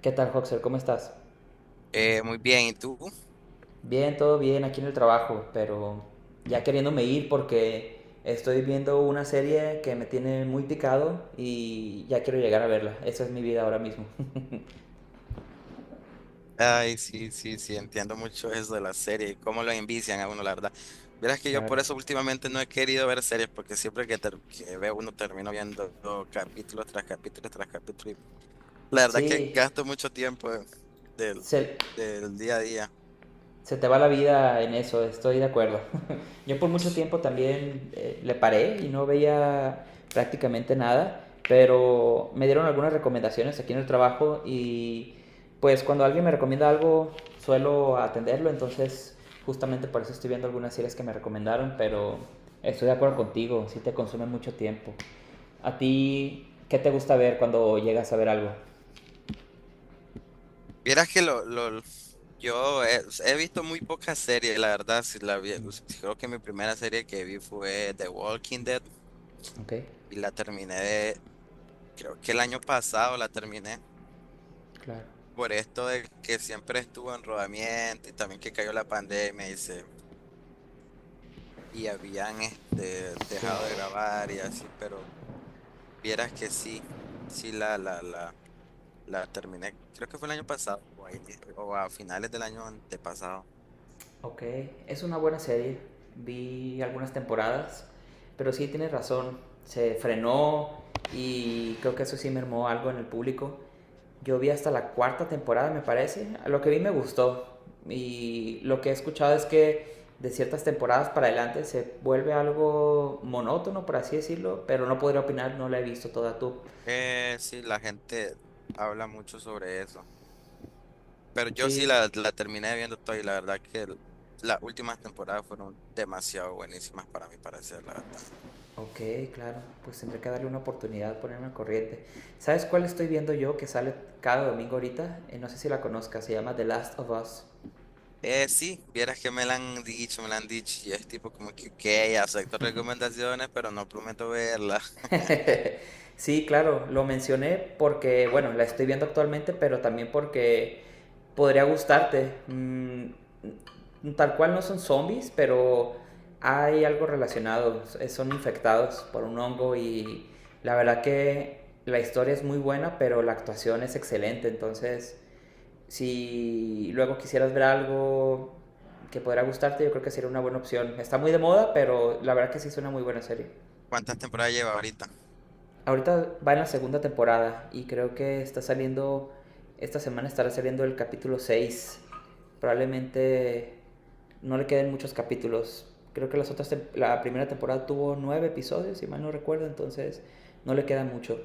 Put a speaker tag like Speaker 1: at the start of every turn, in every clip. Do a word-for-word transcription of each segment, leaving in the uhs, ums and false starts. Speaker 1: ¿Qué tal, Hoxer? ¿Cómo estás?
Speaker 2: Eh, muy bien, ¿y tú?
Speaker 1: Bien, todo bien aquí en el trabajo, pero ya queriéndome ir porque estoy viendo una serie que me tiene muy picado y ya quiero llegar a verla. Esa es mi vida ahora mismo.
Speaker 2: Ay, sí, sí, sí, entiendo mucho eso de las series, cómo lo envician a uno, la verdad. Verás que yo por
Speaker 1: Claro.
Speaker 2: eso últimamente no he querido ver series, porque siempre que, ter- que veo uno termino viendo capítulos tras capítulos tras capítulo. Y la verdad que
Speaker 1: Sí,
Speaker 2: gasto mucho tiempo del,
Speaker 1: se-
Speaker 2: del día a día.
Speaker 1: se te va la vida en eso, estoy de acuerdo. Yo por mucho
Speaker 2: Sí.
Speaker 1: tiempo también eh, le paré y no veía prácticamente nada, pero me dieron algunas recomendaciones aquí en el trabajo y pues cuando alguien me recomienda algo suelo atenderlo. Entonces, justamente por eso estoy viendo algunas series que me recomendaron, pero estoy de acuerdo contigo, sí te consume mucho tiempo. ¿A ti qué te gusta ver cuando llegas a ver algo?
Speaker 2: Vieras que lo, lo- Yo he, he visto muy pocas series, la verdad. Si la vi- si creo que mi primera serie que vi fue The Walking Dead
Speaker 1: Ok,
Speaker 2: y la terminé, de- creo que el año pasado la terminé,
Speaker 1: claro.
Speaker 2: por esto de que siempre estuvo en rodamiento y también que cayó la pandemia y se- y habían este
Speaker 1: Sí.
Speaker 2: dejado de grabar y así, pero vieras que sí, sí la, la, la, la terminé, creo que fue el año pasado o a, ini- o a finales del año antepasado.
Speaker 1: Ok, es una buena serie. Vi algunas temporadas, pero sí tienes razón. Se frenó y creo que eso sí mermó algo en el público. Yo vi hasta la cuarta temporada, me parece. Lo que vi me gustó. Y lo que he escuchado es que de ciertas temporadas para adelante se vuelve algo monótono, por así decirlo. Pero no podría opinar, no la he visto toda tú.
Speaker 2: Eh, sí, la gente habla mucho sobre eso, pero yo sí
Speaker 1: Sí.
Speaker 2: la, la terminé viendo toda y la verdad que l- las últimas temporadas fueron demasiado buenísimas para mí, para la verdad.
Speaker 1: Ok, claro, pues tendré que darle una oportunidad, ponerme al corriente. ¿Sabes cuál estoy viendo yo que sale cada domingo ahorita? Eh, no sé si la conozcas, se llama The Last of Us.
Speaker 2: Eh, sí, vieras que me la han dicho, me la han dicho, y es tipo como que, ok, acepto recomendaciones, pero no prometo verla.
Speaker 1: Sí, claro, lo mencioné porque, bueno, la estoy viendo actualmente, pero también porque podría gustarte. Mm, mm, tal cual no son zombies, pero hay algo relacionado. Eh, Son infectados por un hongo y la verdad que la historia es muy buena, pero la actuación es excelente. Entonces, si luego quisieras ver algo que podrá gustarte, yo creo que sería una buena opción. Está muy de moda, pero la verdad que sí es una muy buena serie.
Speaker 2: ¿Cuántas temporadas lleva ahorita?
Speaker 1: Ahorita va en la segunda temporada y creo que está saliendo, esta semana estará saliendo el capítulo seis. Probablemente no le queden muchos capítulos. Creo que las otras te- la primera temporada tuvo nueve episodios, si mal no recuerdo, entonces no le queda mucho.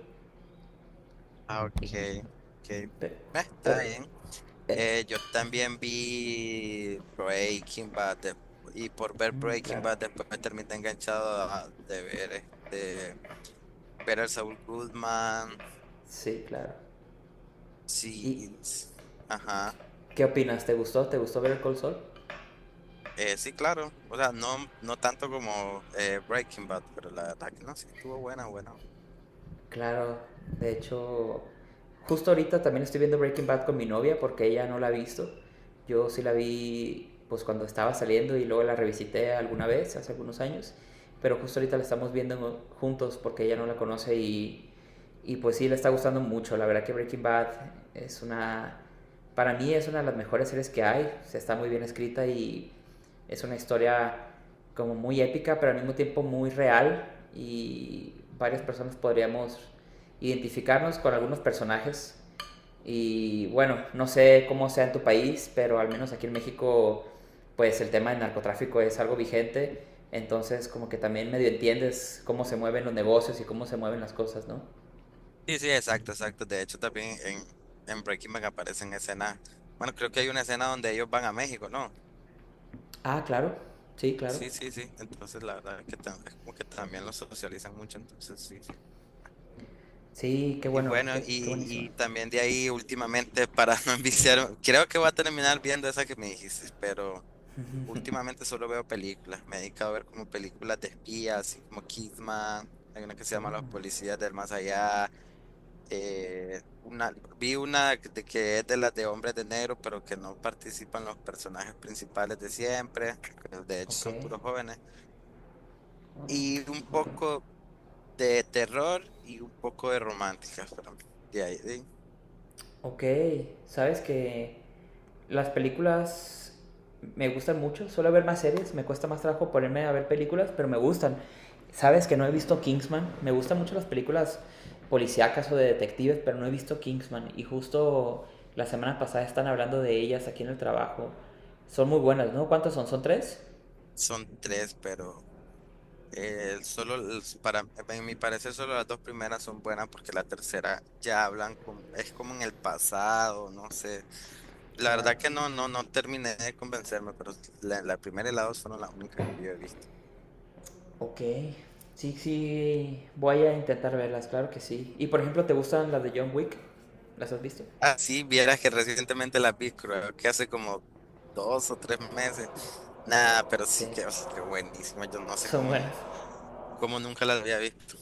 Speaker 2: Ah, ok, ok. Eh,
Speaker 1: Pero, pero
Speaker 2: está bien.
Speaker 1: eh,
Speaker 2: Eh, yo también vi Breaking Bad, de- y por ver
Speaker 1: mm,
Speaker 2: Breaking
Speaker 1: claro,
Speaker 2: Bad después me terminé enganchado a- de ver este, Better Saul Goodman,
Speaker 1: sí, claro.
Speaker 2: sí,
Speaker 1: Y
Speaker 2: y- ajá.
Speaker 1: ¿qué opinas? ¿Te gustó? ¿Te gustó ver el Cold Soul?
Speaker 2: Eh, sí, claro, o sea, no, no tanto como eh, Breaking Bad, pero la verdad que no, sí, estuvo buena, buena.
Speaker 1: Claro, de hecho, justo ahorita también estoy viendo Breaking Bad con mi novia porque ella no la ha visto. Yo sí la vi pues cuando estaba saliendo y luego la revisité alguna vez hace algunos años, pero justo ahorita la estamos viendo juntos porque ella no la conoce, y, y pues sí le está gustando mucho. La verdad que Breaking Bad es una, para mí es una de las mejores series que hay. O sea, está muy bien escrita y es una historia como muy épica, pero al mismo tiempo muy real, y varias personas podríamos identificarnos con algunos personajes. Y bueno, no sé cómo sea en tu país, pero al menos aquí en México, pues el tema del narcotráfico es algo vigente. Entonces, como que también medio entiendes cómo se mueven los negocios y cómo se mueven las cosas, ¿no?
Speaker 2: Sí, sí, exacto, exacto. De hecho, también en, en Breaking Bad aparecen escenas. Bueno, creo que hay una escena donde ellos van a México, ¿no?
Speaker 1: Ah, claro. Sí, claro.
Speaker 2: Sí, sí, sí. Entonces, la verdad es que, tam- es como que también los socializan mucho. Entonces, sí, sí.
Speaker 1: Sí, qué
Speaker 2: Y
Speaker 1: bueno,
Speaker 2: bueno, y,
Speaker 1: qué, qué buenísima.
Speaker 2: y también de ahí, últimamente, para no enviciar, creo que voy a terminar viendo esa que me dijiste, pero últimamente solo veo películas. Me he dedicado a ver como películas de espías, así como Kidman. Hay una que se llama Los Policías del Más Allá. eh, una, Vi una de que es de las de hombres de negro, pero que no participan los personajes principales de siempre, que de hecho
Speaker 1: Ok,
Speaker 2: son puros jóvenes, y un
Speaker 1: ok.
Speaker 2: poco de terror y un poco de románticas, pero de ahí, de-
Speaker 1: Ok, sabes que las películas me gustan mucho, suelo ver más series, me cuesta más trabajo ponerme a ver películas, pero me gustan. Sabes que no he visto Kingsman, me gustan mucho las películas policíacas o de detectives, pero no he visto Kingsman y justo la semana pasada están hablando de ellas aquí en el trabajo. Son muy buenas, ¿no? ¿Cuántas son? ¿Son tres?
Speaker 2: son tres, pero eh, solo los- para en mi parecer solo las dos primeras son buenas porque la tercera ya hablan como, es como en el pasado, no sé. La verdad
Speaker 1: Claro.
Speaker 2: que no, no, no terminé de convencerme, pero la, la primera y la dos fueron las únicas que yo he visto.
Speaker 1: Ok. Sí, sí, voy a intentar verlas, claro que sí. Y por ejemplo, ¿te gustan las de John Wick? ¿Las has visto?
Speaker 2: Ah, sí, vieras que recientemente la vi, creo que hace como dos o tres meses. Nada, pero
Speaker 1: Sí.
Speaker 2: sí que, o sea, que buenísima. Yo no sé
Speaker 1: Son
Speaker 2: cómo, n-
Speaker 1: buenas.
Speaker 2: cómo nunca la había visto.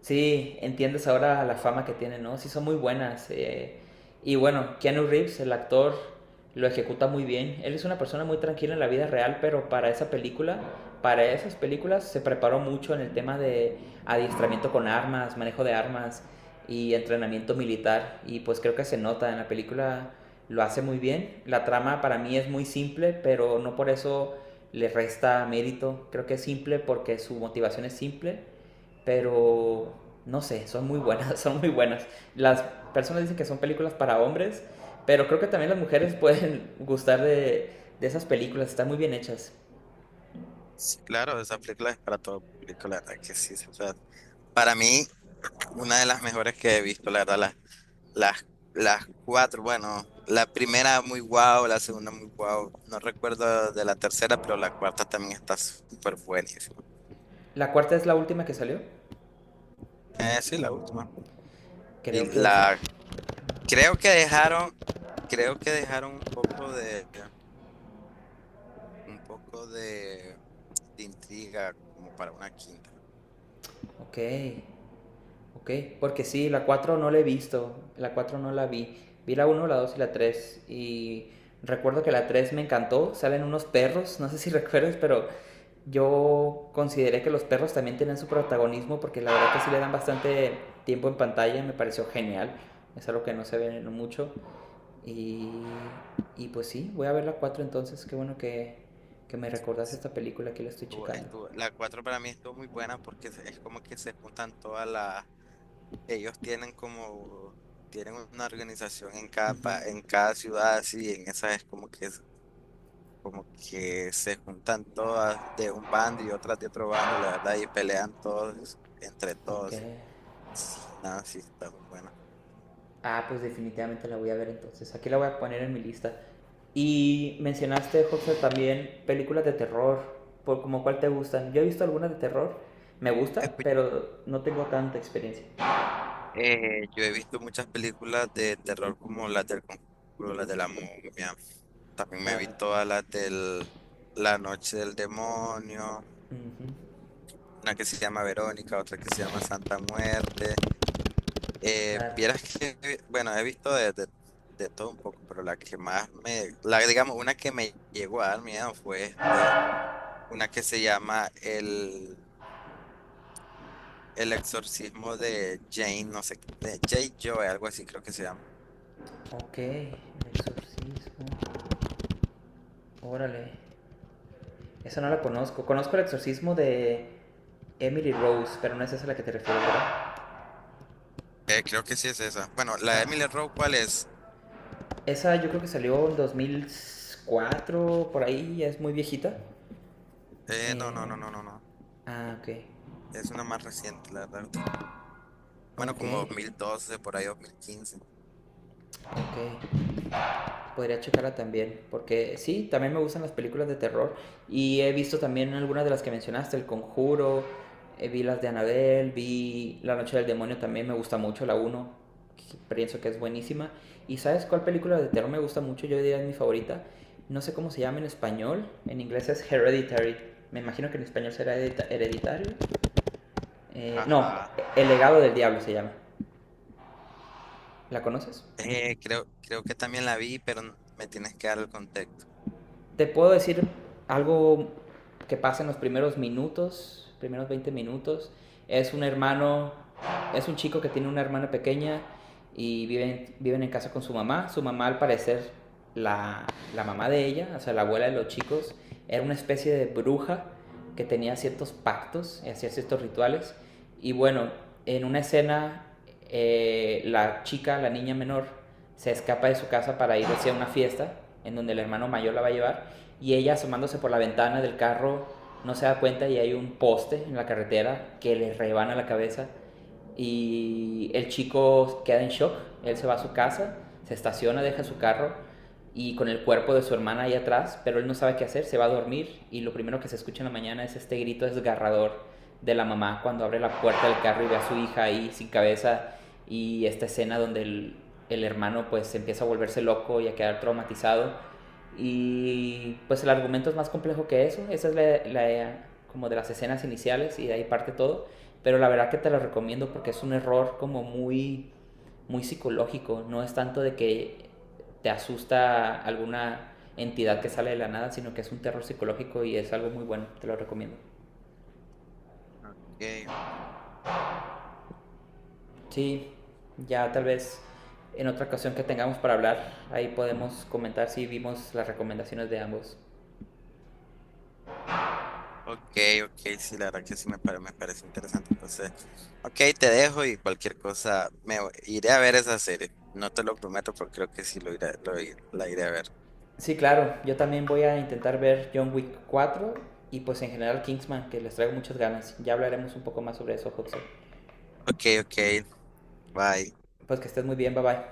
Speaker 1: Sí, entiendes ahora la fama que tiene, ¿no? Sí, son muy buenas. eh, Y bueno, Keanu Reeves, el actor, lo ejecuta muy bien. Él es una persona muy tranquila en la vida real, pero para esa película, para esas películas, se preparó mucho en el tema de adiestramiento con armas, manejo de armas y entrenamiento militar. Y pues creo que se nota en la película, lo hace muy bien. La trama para mí es muy simple, pero no por eso le resta mérito. Creo que es simple porque su motivación es simple, pero no sé, son muy buenas, son muy buenas. Las personas dicen que son películas para hombres, pero creo que también las mujeres pueden gustar de, de esas películas, están muy bien hechas.
Speaker 2: Sí, claro, esa película es para todo público, la verdad que sí. O sea, para mí, una de las mejores que he visto, la verdad, las, las, las cuatro, bueno, la primera muy guau, la segunda muy guau. No recuerdo de la tercera, pero la cuarta también está súper buenísima.
Speaker 1: La cuarta es la última que salió,
Speaker 2: Eh, sí, la última. Y
Speaker 1: creo que esa.
Speaker 2: la Creo que dejaron, Creo que dejaron un poco de, un poco de, de intriga como para una quinta.
Speaker 1: Ok, ok, porque sí, la cuatro no la he visto, la cuatro no la vi. Vi la uno, la dos y la tres, y recuerdo que la tres me encantó, salen unos perros, no sé si recuerdas, pero yo consideré que los perros también tienen su protagonismo porque la verdad que sí le dan bastante tiempo en pantalla, me pareció genial. Es algo que no se ve mucho. Y, y pues sí, voy a ver la cuatro entonces. Qué bueno que, que me recordaste esta película, aquí la estoy
Speaker 2: Estuvo-
Speaker 1: checando.
Speaker 2: estuvo- la cuatro para mí estuvo muy buena porque es es como que se juntan todas las, ellos tienen como, tienen una organización en cada,
Speaker 1: Ujú.
Speaker 2: pa- en cada ciudad así, en esa es como que, es- como que se juntan todas de un bando y otras de otro bando, la verdad, y pelean todos entre
Speaker 1: Ok.
Speaker 2: todos. Y, sí, nada, sí, está muy buena.
Speaker 1: Ah, pues definitivamente la voy a ver entonces. Aquí la voy a poner en mi lista. Y mencionaste, José, también películas de terror. ¿Por como cuál te gustan? Yo he visto algunas de terror. Me gusta, pero no tengo tanta experiencia.
Speaker 2: Eh, yo he visto muchas películas de terror como las del Conjuro, las de la momia. También me he
Speaker 1: Claro.
Speaker 2: visto todas las del La Noche del Demonio,
Speaker 1: Ujú.
Speaker 2: una que se llama Verónica, otra que se llama Santa Muerte. Eh,
Speaker 1: Claro.
Speaker 2: vieras que, bueno, he visto de, de- de todo un poco, pero la que más me, la, digamos, una que me llegó a dar miedo fue este, una que se llama El, El Exorcismo de Jane, no sé, de Jay Joy, algo así creo que se llama.
Speaker 1: Ok, el exorcismo. Órale. Esa no la conozco. Conozco el exorcismo de Emily Rose, pero no es esa a la que te refieres, ¿verdad?
Speaker 2: Eh, creo que sí es esa. Bueno, la de
Speaker 1: Ah, sí.
Speaker 2: Emily Rowe, ¿cuál es?
Speaker 1: Esa yo creo que salió en dos mil cuatro por ahí, ya es muy viejita.
Speaker 2: Eh, no, no,
Speaker 1: Eh,
Speaker 2: no, no, no, no.
Speaker 1: ah, ok.
Speaker 2: Es una más reciente, la verdad. Bueno,
Speaker 1: Ok,
Speaker 2: como dos mil doce, por ahí dos mil quince.
Speaker 1: ok. Podría checarla también, porque sí, también me gustan las películas de terror y he visto también algunas de las que mencionaste, El Conjuro, eh, vi las de Annabelle, vi La Noche del Demonio también, me gusta mucho la uno, pienso que es buenísima. ¿Y sabes cuál película de terror me gusta mucho? Yo diría es mi favorita. No sé cómo se llama en español, en inglés es Hereditary, me imagino que en español será hereditario. Eh, no,
Speaker 2: Ajá.
Speaker 1: El legado del diablo se llama. ¿La conoces?
Speaker 2: Eh, creo, creo que también la vi, pero n- me tienes que dar el contexto.
Speaker 1: Te puedo decir algo que pasa en los primeros minutos, primeros veinte minutos. Es un hermano, es un chico que tiene una hermana pequeña y viven, viven en casa con su mamá. Su mamá, al parecer, la, la mamá de ella, o sea, la abuela de los chicos, era una especie de bruja que tenía ciertos pactos y hacía ciertos rituales. Y bueno, en una escena, eh, la chica, la niña menor, se escapa de su casa para ir hacia una fiesta en donde el hermano mayor la va a llevar, y ella asomándose por la ventana del carro no se da cuenta y hay un poste en la carretera que le rebana la cabeza y el chico queda en shock. Él se va a su casa, se estaciona, deja su carro y con el cuerpo de su hermana ahí atrás, pero él no sabe qué hacer, se va a dormir y lo primero que se escucha en la mañana es este grito desgarrador de la mamá cuando abre la puerta del carro y ve a su hija ahí sin cabeza, y esta escena donde el, el hermano pues empieza a volverse loco y a quedar traumatizado. Y pues el argumento es más complejo que eso, esa es la, la como de las escenas iniciales y de ahí parte todo, pero la verdad que te lo recomiendo porque es un error como muy, muy psicológico. No es tanto de que te asusta alguna entidad que sale de la nada, sino que es un terror psicológico y es algo muy bueno. Te lo recomiendo.
Speaker 2: Okay.
Speaker 1: Sí, ya tal vez en otra ocasión que tengamos para hablar, ahí podemos comentar si vimos las recomendaciones de ambos.
Speaker 2: Ok, ok, sí, la verdad que sí me, pare- me parece interesante. Entonces, ok, te dejo y cualquier cosa, me voy- iré a ver esa serie. No te lo prometo, pero creo que sí lo iré, lo, ir- la iré a ver.
Speaker 1: Sí, claro, yo también voy a intentar ver John Wick cuatro y pues en general Kingsman, que les traigo muchas ganas. Ya hablaremos un poco más sobre eso, Hudson.
Speaker 2: Ok, ok, bye.
Speaker 1: Pues que estés muy bien, bye bye.